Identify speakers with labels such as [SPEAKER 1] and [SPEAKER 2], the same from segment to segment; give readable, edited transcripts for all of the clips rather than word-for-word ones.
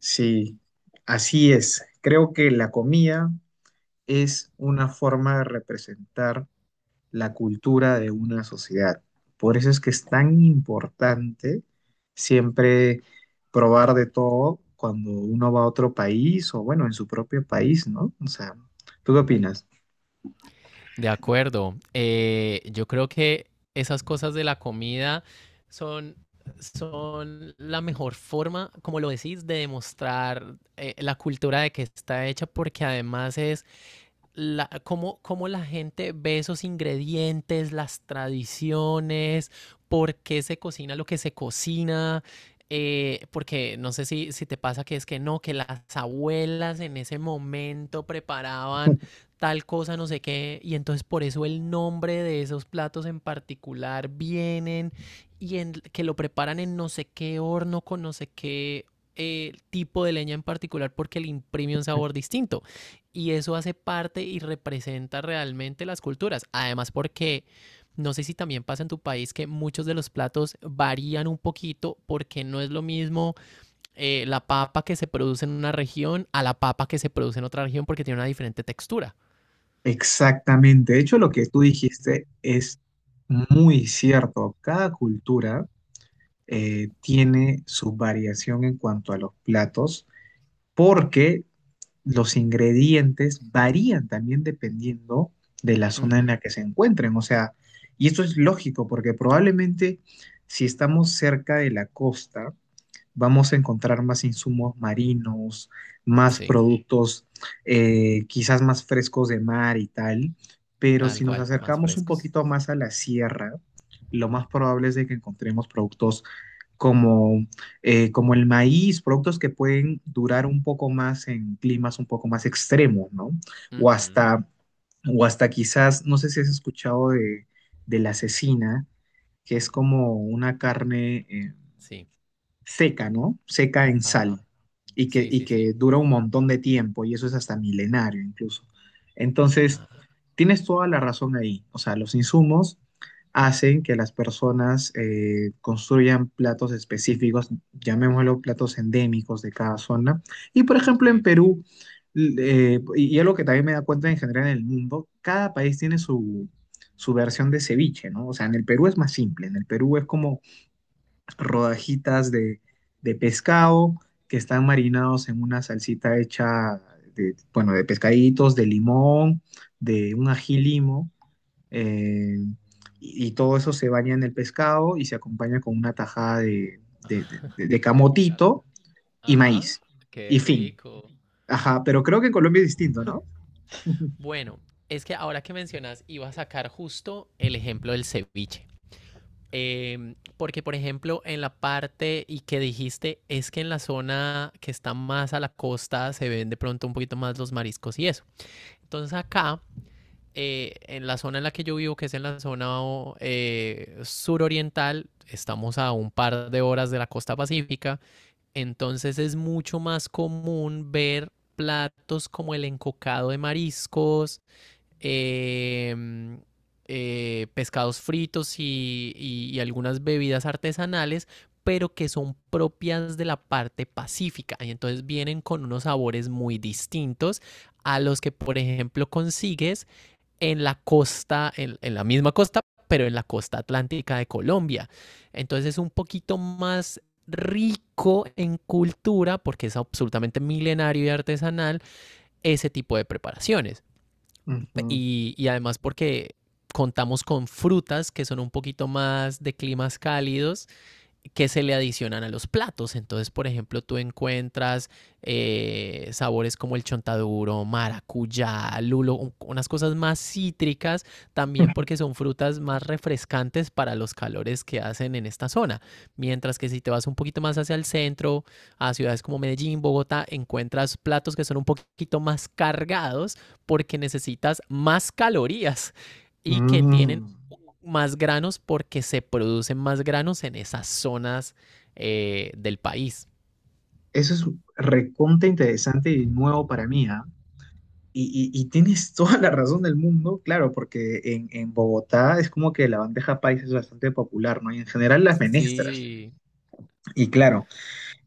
[SPEAKER 1] Sí, así es. Creo que la comida es una forma de representar la cultura de una sociedad. Por eso es que es tan importante siempre probar de todo cuando uno va a otro país o bueno, en su propio país, ¿no? O sea, ¿tú qué opinas?
[SPEAKER 2] De acuerdo. Yo creo que esas cosas de la comida son, son la mejor forma, como lo decís, de demostrar la cultura de que está hecha, porque además es la, cómo, cómo la gente ve esos ingredientes, las tradiciones, por qué se cocina lo que se cocina. Porque no sé si te pasa que es que no, que las abuelas en ese momento preparaban tal cosa, no sé qué, y entonces por eso el nombre de esos platos en particular vienen y en, que lo preparan en no sé qué horno con no sé qué tipo de leña en particular porque le imprime un sabor distinto y eso hace parte y representa realmente las culturas. Además, porque no sé si también pasa en tu país que muchos de los platos varían un poquito porque no es lo mismo la papa que se produce en una región a la papa que se produce en otra región porque tiene una diferente textura.
[SPEAKER 1] Exactamente. De hecho, lo que tú dijiste es muy cierto. Cada cultura tiene su variación en cuanto a los platos porque los ingredientes varían también dependiendo de la zona en
[SPEAKER 2] Ujú.
[SPEAKER 1] la que se encuentren. O sea, y esto es lógico porque probablemente si estamos cerca de la costa, vamos a encontrar más insumos marinos, más
[SPEAKER 2] Sí,
[SPEAKER 1] productos quizás más frescos de mar y tal. Pero
[SPEAKER 2] tal
[SPEAKER 1] si nos
[SPEAKER 2] cual, más
[SPEAKER 1] acercamos un
[SPEAKER 2] frescos.
[SPEAKER 1] poquito más a la sierra, lo más probable es de que encontremos productos como, como el maíz, productos que pueden durar un poco más en climas un poco más extremos, ¿no? O
[SPEAKER 2] Ujú.
[SPEAKER 1] hasta, o hasta quizás, no sé si has escuchado de la cecina, que es como una carne,
[SPEAKER 2] Sí,
[SPEAKER 1] seca, ¿no? Seca en
[SPEAKER 2] ajá.
[SPEAKER 1] sal
[SPEAKER 2] Sí,
[SPEAKER 1] y
[SPEAKER 2] sí, sí.
[SPEAKER 1] que dura un montón de tiempo y eso es hasta milenario incluso. Entonces,
[SPEAKER 2] Claro,
[SPEAKER 1] tienes toda la razón ahí. O sea, los insumos hacen que las personas construyan platos específicos, llamémoslo platos endémicos de cada zona. Y por ejemplo, en
[SPEAKER 2] sí.
[SPEAKER 1] Perú, y algo que también me da cuenta en general en el mundo, cada país tiene su versión de ceviche, ¿no? O sea, en el Perú es más simple, en el Perú es como rodajitas de pescado que están marinados en una salsita hecha de, bueno, de pescaditos, de limón, de un ají limo, eh, y todo eso se baña en el pescado y se acompaña con una tajada de, de-
[SPEAKER 2] Ah,
[SPEAKER 1] de de
[SPEAKER 2] de plátano.
[SPEAKER 1] camotito y
[SPEAKER 2] Ajá,
[SPEAKER 1] maíz.
[SPEAKER 2] qué
[SPEAKER 1] Y fin.
[SPEAKER 2] rico.
[SPEAKER 1] Ajá, pero creo que en Colombia es distinto, ¿no?
[SPEAKER 2] Bueno, es que ahora que mencionas, iba a sacar justo el ejemplo del ceviche. Porque, por ejemplo, en la parte y que dijiste, es que en la zona que está más a la costa se ven de pronto un poquito más los mariscos y eso. Entonces acá, en la zona en la que yo vivo, que es en la zona suroriental, estamos a un par de horas de la costa pacífica, entonces es mucho más común ver platos como el encocado de mariscos, eh, pescados fritos y algunas bebidas artesanales, pero que son propias de la parte pacífica. Y entonces vienen con unos sabores muy distintos a los que, por ejemplo, consigues en la costa, en la misma costa, pero en la costa atlántica de Colombia. Entonces es un poquito más rico en cultura porque es absolutamente milenario y artesanal ese tipo de preparaciones.
[SPEAKER 1] Ujú.
[SPEAKER 2] Y además porque contamos con frutas que son un poquito más de climas cálidos que se le adicionan a los platos. Entonces, por ejemplo, tú encuentras sabores como el chontaduro, maracuyá, lulo, unas cosas más cítricas, también porque son frutas más refrescantes para los calores que hacen en esta zona. Mientras que si te vas un poquito más hacia el centro, a ciudades como Medellín, Bogotá, encuentras platos que son un poquito más cargados porque necesitas más calorías y que tienen
[SPEAKER 1] Mm.
[SPEAKER 2] más granos porque se producen más granos en esas zonas del país.
[SPEAKER 1] Eso es recontra interesante y nuevo para mí, ¿ah? Y tienes toda la razón del mundo, claro, porque en Bogotá es como que la bandeja paisa es bastante popular, ¿no? Y en general las menestras.
[SPEAKER 2] Sí.
[SPEAKER 1] Y claro,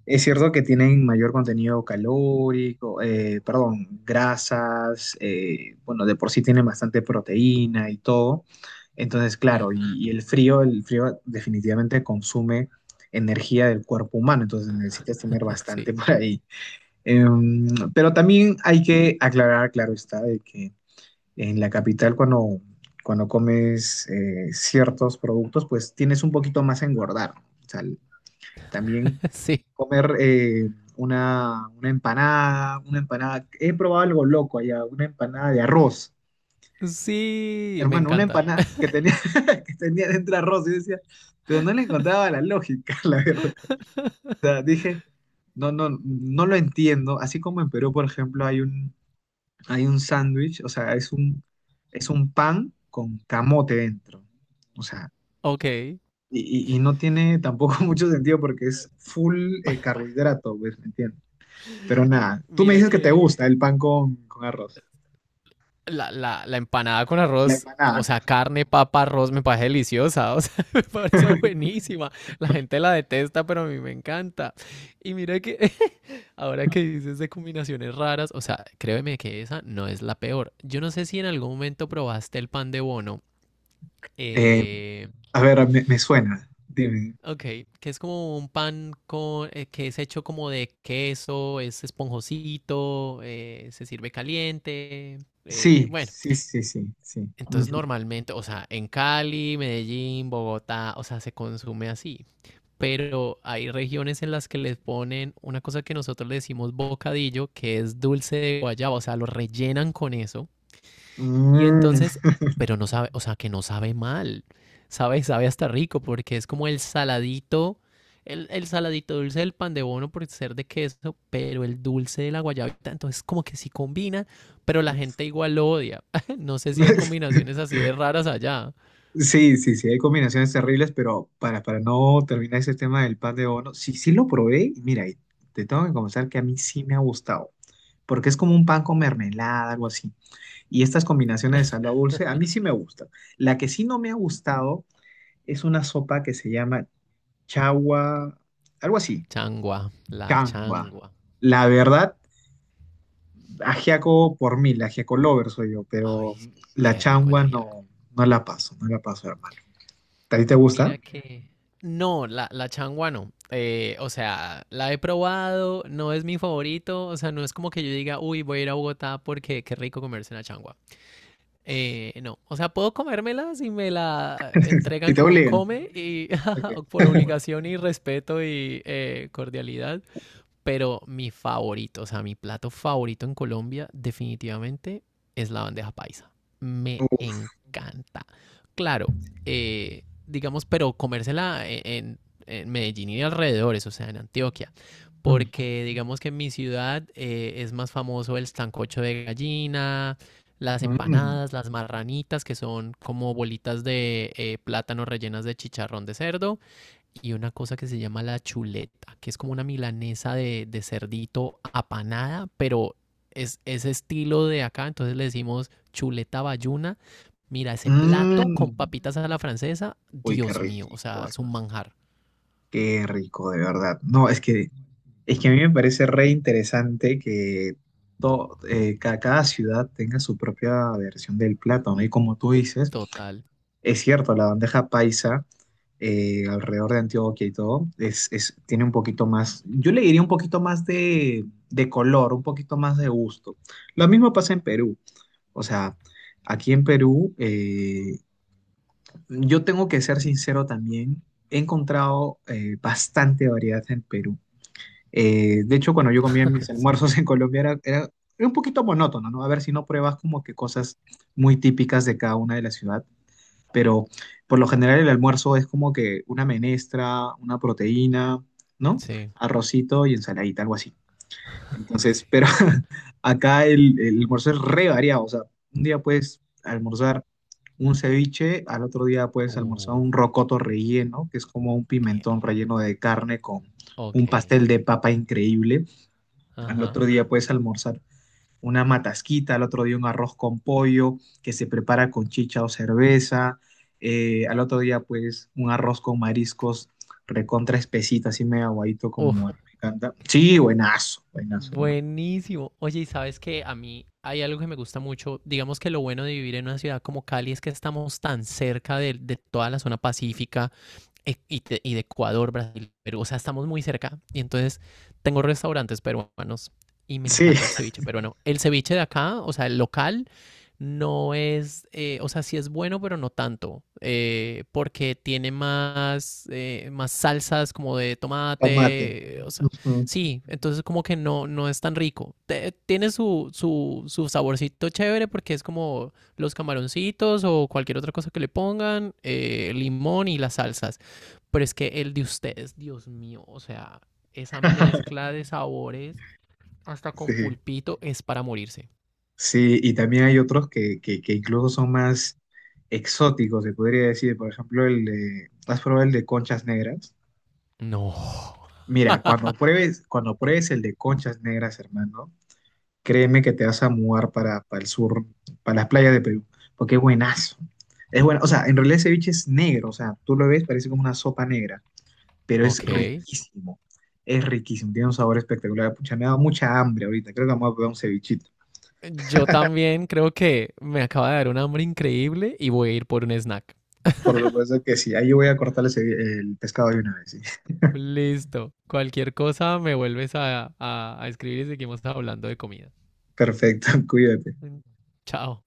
[SPEAKER 1] es cierto que tienen mayor contenido calórico, perdón, grasas, bueno, de por sí tienen bastante proteína y todo. Entonces, claro,
[SPEAKER 2] Ujú.
[SPEAKER 1] y el frío definitivamente consume energía del cuerpo humano, entonces necesitas tener bastante
[SPEAKER 2] Sí,
[SPEAKER 1] por ahí. Em, pero también hay que aclarar, claro está, de que en la capital cuando comes ciertos productos, pues tienes un poquito más a engordar. ¿No? O sea, también
[SPEAKER 2] sí,
[SPEAKER 1] comer una empanada, he probado algo loco allá, una empanada de arroz.
[SPEAKER 2] sí, me
[SPEAKER 1] Hermano, una
[SPEAKER 2] encantan.
[SPEAKER 1] empanada que tenía, que tenía dentro arroz, y decía, pero no le encontraba la lógica, la verdad. O sea, dije, no, no lo entiendo. Así como en Perú, por ejemplo, hay un sándwich, o sea, es un pan con camote dentro. O sea,
[SPEAKER 2] Ok,
[SPEAKER 1] y no tiene tampoco mucho sentido porque es full carbohidrato, pues, ¿me entiendes? Pero nada, tú me
[SPEAKER 2] mira
[SPEAKER 1] dices que te
[SPEAKER 2] que
[SPEAKER 1] gusta el pan con arroz.
[SPEAKER 2] la, la empanada con
[SPEAKER 1] La
[SPEAKER 2] arroz, o
[SPEAKER 1] empanada.
[SPEAKER 2] sea, carne, papa, arroz, me parece deliciosa, o sea, me parece buenísima. La gente la detesta, pero a mí me encanta. Y mira que ahora que dices de combinaciones raras, o sea, créeme que esa no es la peor. Yo no sé si en algún momento probaste el pan de bono.
[SPEAKER 1] Eh,
[SPEAKER 2] Eh,
[SPEAKER 1] a ver, me suena. Dime.
[SPEAKER 2] ok, que es como un pan con, que es hecho como de queso, es esponjosito, se sirve caliente.
[SPEAKER 1] Sí,
[SPEAKER 2] Bueno.
[SPEAKER 1] sí, sí, sí, sí.
[SPEAKER 2] Entonces
[SPEAKER 1] Ujú.
[SPEAKER 2] normalmente, o sea, en Cali, Medellín, Bogotá, o sea, se consume así. Pero hay regiones en las que les ponen una cosa que nosotros le decimos bocadillo, que es dulce de guayaba, o sea, lo rellenan con eso. Y
[SPEAKER 1] Mm.
[SPEAKER 2] entonces, pero no sabe, o sea, que no sabe mal. Sabe, sabe hasta rico porque es como el saladito dulce del pan de bono por ser de queso, pero el dulce de la guayabita. Entonces, como que sí combina, pero la gente igual lo odia. No sé si hay combinaciones así de raras allá.
[SPEAKER 1] Sí, sí, sí, hay combinaciones terribles, pero para no terminar ese tema del pan de bono, sí, sí lo probé y mira, y te tengo que confesar que a mí sí me ha gustado, porque es como un pan con mermelada, algo así. Y estas combinaciones de salado dulce, a mí sí me gustan. La que sí no me ha gustado es una sopa que se llama chagua, algo así,
[SPEAKER 2] Changua, la
[SPEAKER 1] changua.
[SPEAKER 2] changua.
[SPEAKER 1] La verdad, ajiaco por mí, la ajiaco lover soy yo, pero
[SPEAKER 2] Ay,
[SPEAKER 1] la
[SPEAKER 2] qué rico el
[SPEAKER 1] changua
[SPEAKER 2] ajiaco.
[SPEAKER 1] no, no la paso, no la paso, hermano. ¿A ti te gusta?
[SPEAKER 2] Mira que... No, la changua no. O sea, la he probado, no es mi favorito. O sea, no es como que yo diga, uy, voy a ir a Bogotá porque qué rico comerse una changua. No, o sea, puedo comérmela si me la
[SPEAKER 1] ¿Y
[SPEAKER 2] entregan
[SPEAKER 1] te
[SPEAKER 2] como
[SPEAKER 1] obligan?
[SPEAKER 2] come y
[SPEAKER 1] Okay.
[SPEAKER 2] por obligación y respeto y cordialidad. Pero mi favorito, o sea, mi plato favorito en Colombia definitivamente es la bandeja paisa. Me
[SPEAKER 1] Uf.
[SPEAKER 2] encanta. Claro, digamos, pero comérsela en Medellín y alrededores, o sea, en Antioquia
[SPEAKER 1] Mm.
[SPEAKER 2] porque digamos que en mi ciudad es más famoso el sancocho de gallina, las
[SPEAKER 1] Mm.
[SPEAKER 2] empanadas, las marranitas, que son como bolitas de plátano rellenas de chicharrón de cerdo, y una cosa que se llama la chuleta, que es como una milanesa de cerdito apanada, pero es ese estilo de acá, entonces le decimos chuleta bayuna. Mira, ese plato con
[SPEAKER 1] Mm.
[SPEAKER 2] papitas a la francesa,
[SPEAKER 1] Uy, qué
[SPEAKER 2] Dios mío, o
[SPEAKER 1] rico,
[SPEAKER 2] sea, es un
[SPEAKER 1] hermano.
[SPEAKER 2] manjar
[SPEAKER 1] Qué rico, de verdad. No, es que a mí me parece re interesante que cada ciudad tenga su propia versión del plato, no. Y como tú dices,
[SPEAKER 2] total.
[SPEAKER 1] es cierto, la bandeja paisa alrededor de Antioquia y todo, tiene un poquito más, yo le diría un poquito más de color, un poquito más de gusto. Lo mismo pasa en Perú. O sea, aquí en Perú, yo tengo que ser sincero también. He encontrado bastante variedad en Perú. De hecho, cuando yo comía mis
[SPEAKER 2] Sí,
[SPEAKER 1] almuerzos en Colombia era un poquito monótono, ¿no? A ver si no pruebas como que cosas muy típicas de cada una de la ciudad. Pero por lo general el almuerzo es como que una menestra, una proteína, ¿no?
[SPEAKER 2] sí,
[SPEAKER 1] Arrocito y ensaladita, algo así.
[SPEAKER 2] sí.
[SPEAKER 1] Entonces, pero acá el almuerzo es re variado. O sea, un día puedes almorzar un ceviche, al otro día puedes almorzar
[SPEAKER 2] Uh,
[SPEAKER 1] un rocoto relleno, que es como un pimentón
[SPEAKER 2] ok,
[SPEAKER 1] relleno de carne con
[SPEAKER 2] ok,
[SPEAKER 1] un pastel de papa increíble. Al
[SPEAKER 2] ajá.
[SPEAKER 1] otro día puedes almorzar una matasquita, al otro día un arroz con pollo que se prepara con chicha o cerveza. Al otro día, pues, un arroz con mariscos recontra espesita, así medio aguadito
[SPEAKER 2] Uf,
[SPEAKER 1] como a mí me encanta. Sí, buenazo, buenazo, hermano.
[SPEAKER 2] buenísimo. Oye, y sabes que a mí hay algo que me gusta mucho. Digamos que lo bueno de vivir en una ciudad como Cali es que estamos tan cerca de toda la zona pacífica y de Ecuador, Brasil, Perú. O sea, estamos muy cerca. Y entonces tengo restaurantes peruanos y me
[SPEAKER 1] Sí,
[SPEAKER 2] encanta el ceviche peruano. El ceviche de acá, o sea, el local, no es, o sea, sí es bueno, pero no tanto, porque tiene más, más salsas como de
[SPEAKER 1] tomate.
[SPEAKER 2] tomate, o sea,
[SPEAKER 1] Ujú.
[SPEAKER 2] sí, entonces como que no, no es tan rico. Te- tiene su, su, su saborcito chévere porque es como los camaroncitos o cualquier otra cosa que le pongan, limón y las salsas, pero es que el de ustedes, Dios mío, o sea, esa mezcla de sabores hasta con
[SPEAKER 1] Sí.
[SPEAKER 2] pulpito es para morirse.
[SPEAKER 1] Sí, y también hay otros que incluso son más exóticos, se podría decir. Por ejemplo, el de, ¿has probado el de conchas negras?
[SPEAKER 2] No,
[SPEAKER 1] Mira, cuando pruebes el de conchas negras, hermano, créeme que te vas a mudar para el sur, para las playas de Perú, porque es buenazo. Es bueno, o sea, en realidad ese ceviche es negro, o sea, tú lo ves, parece como una sopa negra, pero
[SPEAKER 2] ok.
[SPEAKER 1] es riquísimo, tiene un sabor espectacular. Pucha, me ha dado mucha hambre ahorita, creo que vamos a probar un cevichito.
[SPEAKER 2] Yo también creo que me acaba de dar un hambre increíble y voy a ir por un snack.
[SPEAKER 1] Por supuesto que sí. Ahí yo voy a cortarles el pescado de una vez. Sí.
[SPEAKER 2] Listo. Cualquier cosa me vuelves a escribir y seguimos hablando de comida.
[SPEAKER 1] Perfecto, cuídate.
[SPEAKER 2] Chao.